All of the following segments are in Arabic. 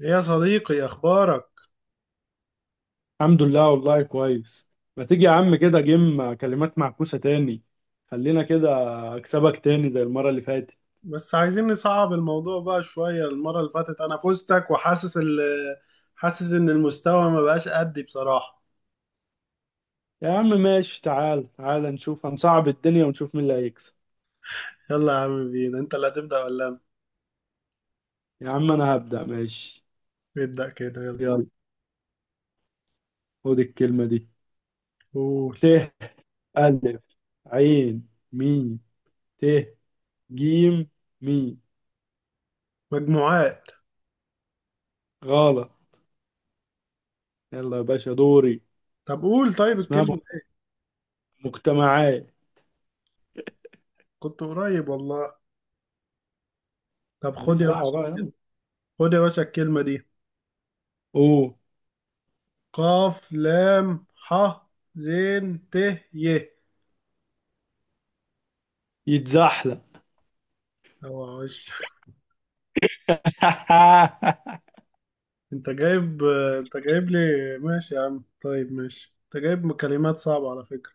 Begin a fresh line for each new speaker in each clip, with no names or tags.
يا صديقي، اخبارك؟
الحمد لله والله كويس. ما تيجي يا عم كده جيم كلمات معكوسة تاني؟ خلينا كده اكسبك تاني زي المرة اللي فاتت.
بس عايزين نصعب الموضوع بقى شوية. المرة اللي فاتت انا فزتك، وحاسس ال حاسس ان المستوى ما بقاش قدي بصراحة.
يا عم ماشي، تعال تعال نشوف، هنصعب الدنيا ونشوف مين اللي هيكسب.
يلا يا عم بينا، انت اللي هتبدأ ولا انا؟
يا عم انا هبدأ ماشي.
ابدأ كده، يلا.
يلا، خد الكلمة دي:
قول.
ت، ألف، عين، ميم، ت، جيم، ميم.
مجموعات.
غلط. يلا يا باشا دوري.
طب قول. طيب
اسمها
الكلمة دي.
مجتمعات.
كنت قريب والله. طب خد
ماليش
يا
دعوة
باشا.
بقى، يلا.
خد يا باشا الكلمة دي.
اوه
قاف، لام، ح، زين، ت، ي.
يتزحلق.
اوعى! انت جايب انت جايب لي. ماشي يا عم، طيب ماشي. انت جايب كلمات صعبة على فكرة.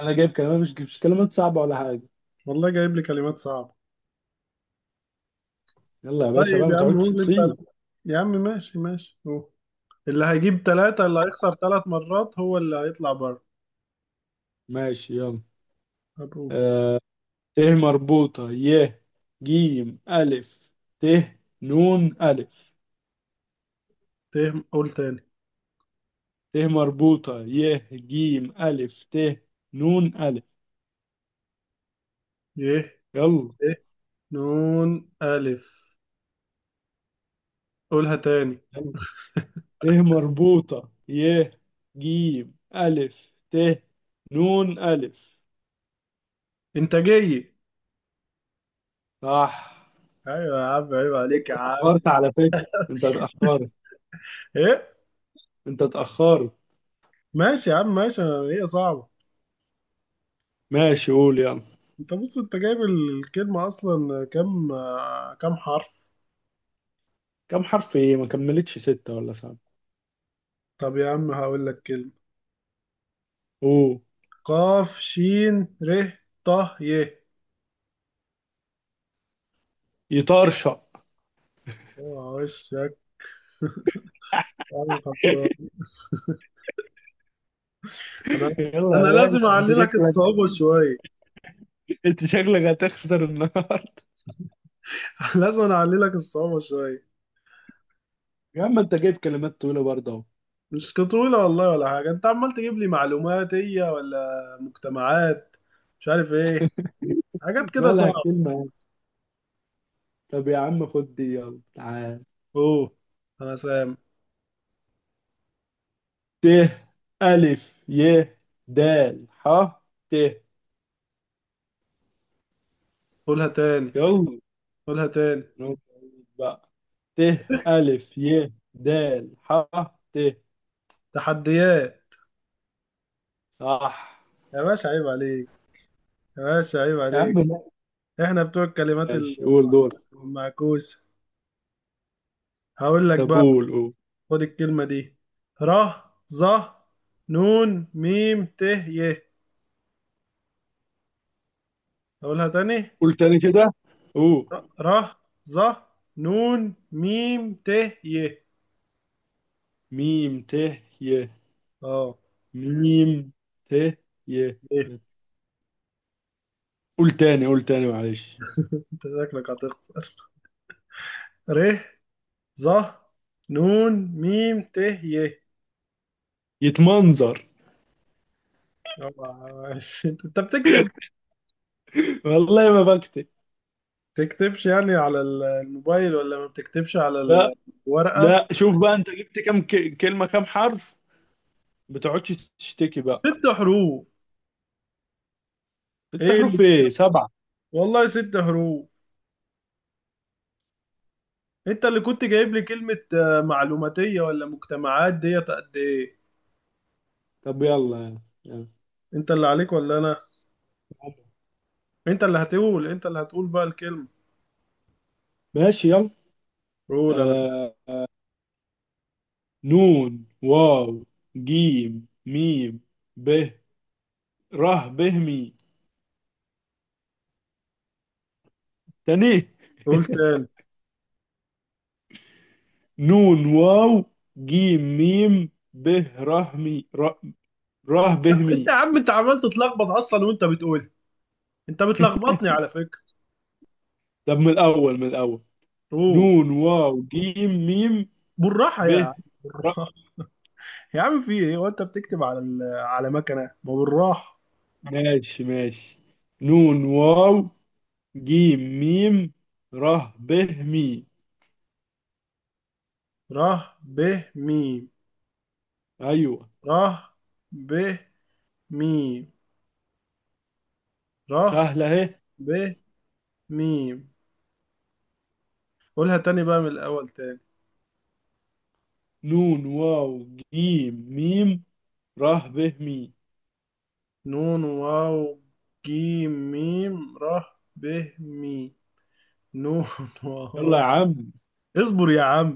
انا جايب كلمات، مش كلمات صعبه ولا حاجه.
والله جايب لي كلمات صعبة.
يلا يا باشا بقى
طيب
ما
يا عم
تقعدش
قول انت.
تصيح.
يا عم ماشي ماشي، قول. اللي هيجيب 3، اللي هيخسر 3 مرات هو اللي هيطلع بره.
ماشي يلا.
طب قول.
آه ت مربوطه، ي، جيم، الف، ت، نون، الف.
قول تاني.
ت مربوطه، ي، جيم، الف، ت، نون، الف.
يه
يلا.
ته، نون، ألف. قولها تاني.
يلا. ت مربوطه، ي، جيم، الف، ت، نون، الف.
انتاجية.
صح.
ايوه يا عم، عيب
انت
عليك يا عم.
اتاخرت على فكره، انت اتاخرت،
ايه؟
انت اتاخرت.
ماشي يا عم، ماشي. هي صعبة.
ماشي قول يلا.
انت بص، انت جايب الكلمة اصلا كام؟ كام حرف؟
كم حرف ايه؟ ما كملتش ستة ولا سبعة.
طب يا عم هقول لك كلمة.
اوه
قاف، شين، ر، ط، ي.
يطرشق.
اوعى وشك! يا عم خلصان. انا
يلا
انا
يا
لازم
باشا انت
اعللك
شكلك،
الصعوبة شوية.
انت شكلك هتخسر النهارده.
لازم أنا اعللك الصعوبة شوية.
يا عم انت جايب كلمات طويلة برضه اهو.
مش كطولة والله ولا حاجة. انت عمال تجيب لي معلومات هي، ولا مجتمعات، مش عارف ايه، حاجات كده
مالها
صعبة.
كلمة يعني؟ طب يا عم خد دي يلا تعال.
اوه. انا سام.
ت، ألف، ي، د، ح، ت.
قولها تاني.
يلا،
قولها تاني.
نقطة بقى. ت، ألف، ي، د، ح، ت.
تحديات.
صح.
يا باشا عيب عليك! يا باشا عيب
يا عم
عليك!
لا.
احنا بتوع الكلمات
ماشي قول دور.
المعكوسة. هقول لك
طب
بقى.
قول قول.
خد الكلمة دي. ر، ظ، نون، ميم، ت، ي. اقولها تاني.
قول تاني كده، قول.
ر، ظ، نون، ميم، ت، ي.
ميم، ت، ي.
اه،
ميم، ت، ي. ي-
ايه.
قول تاني، قول تاني معلش.
انت شكلك هتخسر. ر، ظ، نون، ميم، ت، ي.
يتمنظر.
آه، أنت بتكتب.
والله ما بكتب.
تكتبش يعني على الموبايل، ولا ما بتكتبش على
لا.
الورقة؟
لا شوف بقى انت جبت كام كلمة، كام حرف؟ ما تقعدش تشتكي بقى.
ست حروف.
ست
ايه اللي
حروف
ست؟
ايه؟ سبعة.
والله ست حروف. انت اللي كنت جايب لي كلمة معلوماتية، ولا مجتمعات، ديت قد ايه.
طب يلا. يلا.
انت اللي عليك ولا انا؟ انت اللي هتقول بقى الكلمة.
ماشي يلا.
قول انا فاكر.
آه نون، واو، جيم، ميم، ب، ره، به، مي. تاني.
قول تاني.
نون، واو، جيم، ميم، ب، ره، مي، ره، به، مي.
انت يا عم، انت عمال تتلخبط اصلا وانت بتقول. انت بتلخبطني على فكرة.
طب من الأول، من الأول.
قول.
نون، واو، جيم، ميم،
بالراحة
ب،
يا عم،
ر.
بالراحة. يا عم في ايه، وانت بتكتب على على مكنة، ما بالراحة.
ماشي ماشي. نون، واو، جيم، ميم، ر، ب، مي.
ره، ب، ميم.
أيوه.
ره، ب، ميم. ره،
سهلة أهي.
ب، ميم. قولها تاني بقى من الاول تاني.
نون، واو، جيم، ميم، ر، ب، مي.
نون، واو، جيم، ميم، ره، ب، مي. نون، واو.
يلا يا عم.
اصبر يا عم.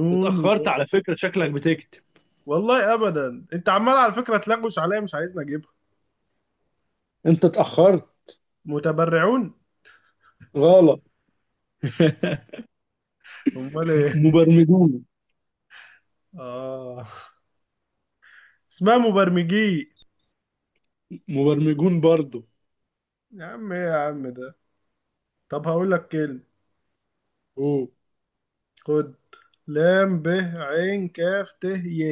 أنت اتأخرت
واو.
على فكرة، شكلك بتكتب.
والله ابدا، انت عمال على فكره تلغوش عليا، مش عايزني اجيبها.
أنت اتأخرت.
متبرعون.
غلط.
امال ايه؟
مبرمجون.
اه. اسمها مبرمجي.
مبرمجون برضو.
يا عم ايه يا عم ده؟ طب هقول لك كلمه.
أوه
خد. لام، ب، عين، كاف، ت، ي.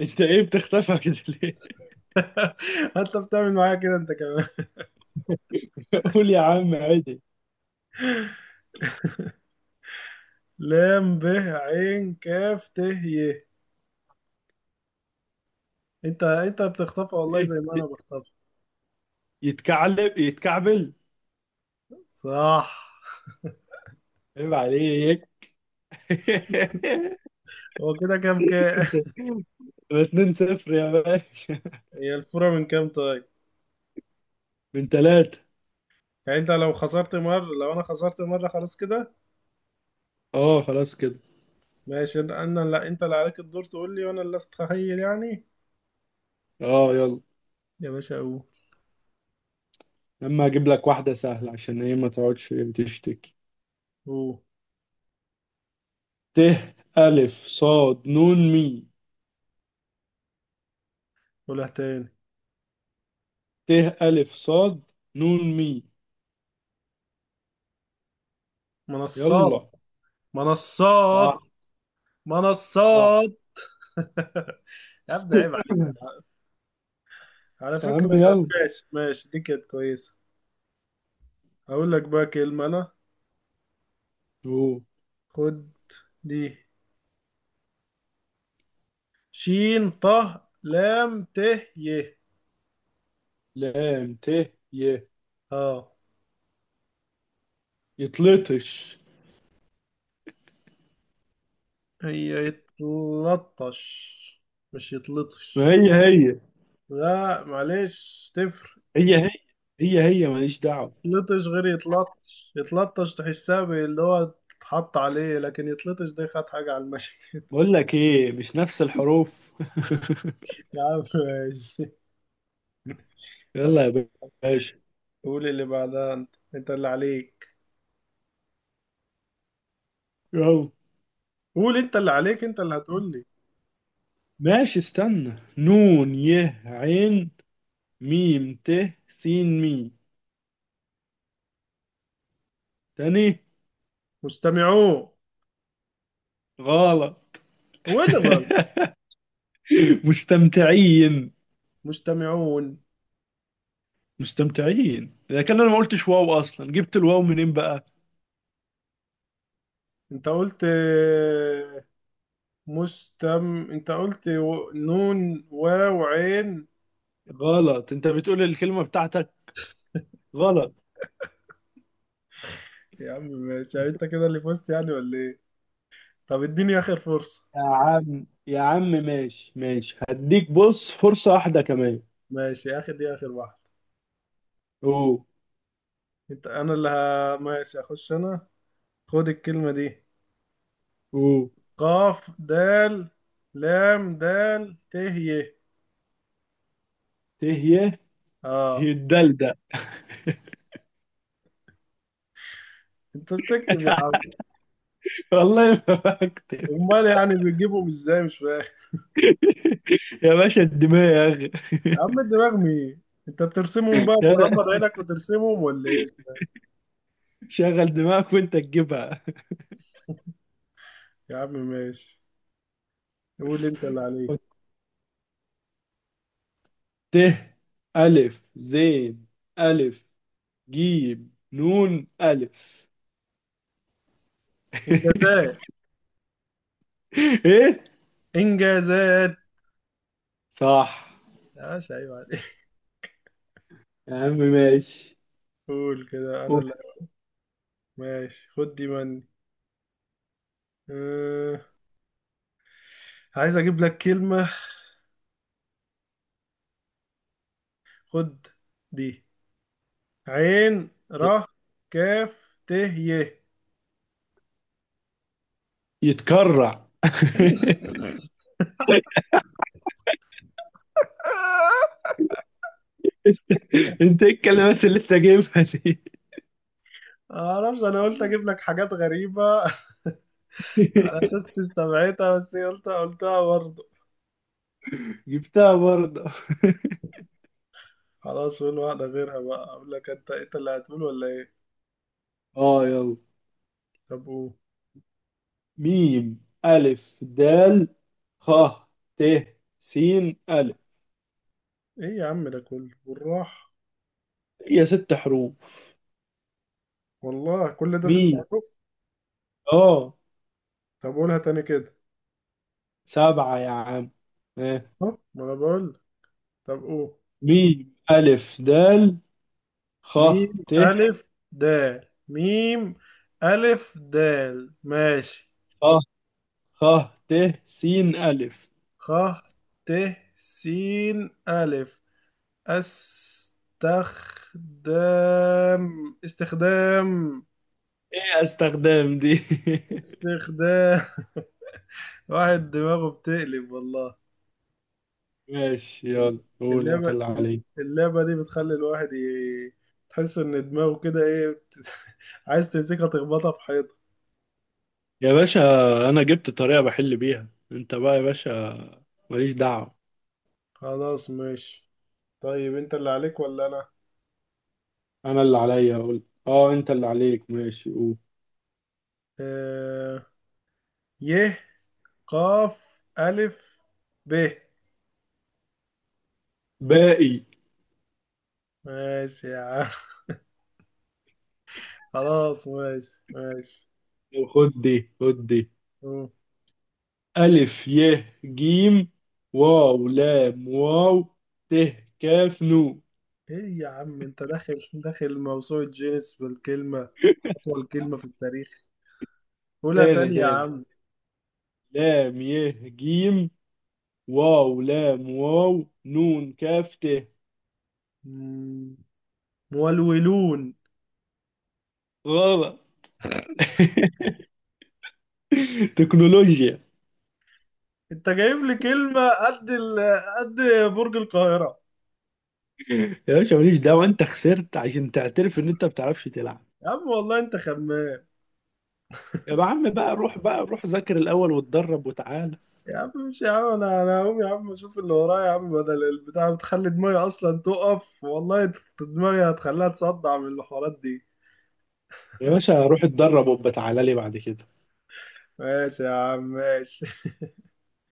أنت إيه بتختفى كده ليه؟
انت بتعمل معايا كده انت كمان.
قول يا عم عادي.
لام، ب، عين، كاف، ت، ي. انت بتخطفها والله
إيه؟
زي ما انا بخطفها.
يتكعلب، يتكعبل.
صح.
عيب عليك.
هو كده كام كام؟
يبقى 2 0 يا باشا.
هي الفورة من كام طيب؟
من ثلاثة.
يعني انت لو خسرت مرة، لو انا خسرت مرة، خلاص كده.
اه خلاص كده.
ماشي. لا، انت اللي عليك الدور تقول لي، وانا اللي استخيل يعني.
اه يلا.
يا باشا قول.
لما اجيب لك واحدة سهلة عشان ايه ما تقعدش تشتكي.
قول.
ت، ألف، صاد، نون، مي.
قولها تاني.
ت، ألف، صاد، نون، مي.
منصات.
يلا.
منصات.
صح. صح.
منصات. يا ابني عيب عليك يا حق. على
يا
فكرة.
عم يلا.
ماشي ماشي، دي كانت كويسة. هقول لك بقى كلمة انا.
شو.
خد دي. شين، ط، لام، ت، ي.
لام، ت، ي.
اه.
يطلطش.
هي يتلطش، مش
ما
يتلطش.
هي هي،
لا معلش، تفرق.
هي هي، هي هي، ماليش دعوة.
يتلطش غير يتلطش. يتلطش تحسها اللي هو تتحط عليه، لكن يتلطش ده خد حاجة على المشي.
بقول لك ايه، مش نفس الحروف.
يا عم ماشي.
يلا يا باشا.
قول اللي بعدها، انت اللي عليك.
يلا.
قول انت اللي عليك. انت اللي هتقول لي.
ماشي استنى، نون، ي، عين، ميم، ت، سين، مي. تاني.
مستمعون.
غلط.
وين غلط؟
مستمتعين.
مستمعون.
مستمتعين. اذا كان انا ما قلتش واو اصلا، جبت الواو منين بقى؟
انت قلت. انت قلت نون، واو، عين.
غلط، انت بتقول الكلمة بتاعتك. غلط.
يا عم ماشي، يعني انت كده اللي فزت يعني، ولا ايه؟ طب اديني اخر فرصة.
يا عم يا عم ماشي ماشي، هديك بص فرصة واحدة كمان.
ماشي، اخر دي اخر واحدة.
او
انا اللي ماشي، اخش انا. خد الكلمة دي.
او
قاف، دال، لام، دال، ت، ي.
ت،
اه.
ي. الدلدل.
انت بتكتب يا عم.
والله ما فاكر.
امال يعني بتجيبهم ازاي؟ مش فاهم.
يا باشا الدماغ اخي.
يا عم الدماغ مين؟ انت بترسمهم بقى، بتغمض عينك وترسمهم، ولا ايه؟
شغل دماغك وانت تجيبها.
يا عم ماشي. قول انت اللي عليك.
ت، ألف، زين، ألف، جيم، نون، ألف.
انجازات.
إيه.
انجازات.
صح.
ماشي، ايوه عليك.
يا عم ماشي.
قول كده انا
قول.
اللي. ماشي، خد دي مني. أه... عايز اجيب لك كلمة. خد دي. عين، ر، كاف، ت، ي.
يتكرع.
آه،
انت ايه الكلمات اللي انت جايبها دي؟
معرفش، انا قلت اجيب لك حاجات غريبة. على اساس تستبعدها، بس هي قلتها برضه.
جبتها برضه.
خلاص قول واحدة غيرها بقى. اقول لك انت اللي هتقول ولا ايه؟
اه يلا.
طب قول.
ميم، ألف، دال، خ، ت، س، ألف.
ايه يا عم ده كله بالراحة.
هي ست حروف.
والله كل ده ست
ميم.
حروف.
اه.
طب قولها تاني كده.
سبعة يا عم. آه.
أهو، ما انا بقول. طب قول.
ميم، ألف، دال، خ،
ميم،
ت،
ألف، دال. ميم، ألف، دال، ماشي.
خ، خ، ت، س، ألف.
خ، ت، س، ألف. استخدام. استخدام.
ايه استخدام دي؟
استخدام. واحد دماغه بتقلب والله.
ماشي يلا قول انت
اللعبة
اللي عليك.
اللعبة دي بتخلي الواحد تحس إن دماغه كده إيه عايز تمسكها تخبطها في حيطة.
يا باشا انا جبت طريقة بحل بيها، انت بقى يا باشا ماليش دعوة.
خلاص ماشي. طيب أنت اللي عليك ولا أنا؟
انا اللي عليا اقول؟ اه انت اللي عليك، ماشي قول.
آه... ي، قاف، ألف، ب.
باقي.
ماشي يا عم. خلاص ماشي ماشي.
خد دي، خد دي.
أوه.
ألف، ي، جيم، واو، لام، واو، ت، كاف، نو.
ايه يا عم، انت داخل داخل موسوعة جينيس بالكلمة. أطول كلمة في التاريخ. قولها
تاني،
تاني يا
تاني.
عم.
لام، ي، جيم، واو، لام، واو، نون، كاف، ت.
مم، مولولون.
غلط. تكنولوجيا.
انت جايب لي كلمة قد قد برج القاهرة.
يا باشا ماليش دعوة، انت خسرت عشان تعترف ان انت ما بتعرفش تلعب.
يا عم والله انت خمام.
يا عم بقى روح، بقى روح ذاكر الأول واتدرب وتعالى.
يا عم، مش يا عم، انا هقوم يا عم، اشوف اللي ورايا يا عم، بدل البتاع بتخلي دماغي اصلا تقف والله. دماغي هتخليها تصدع من الحوارات دي.
يا باشا روح اتدرب وبتعالى لي بعد كده.
ماشي يا عم ماشي.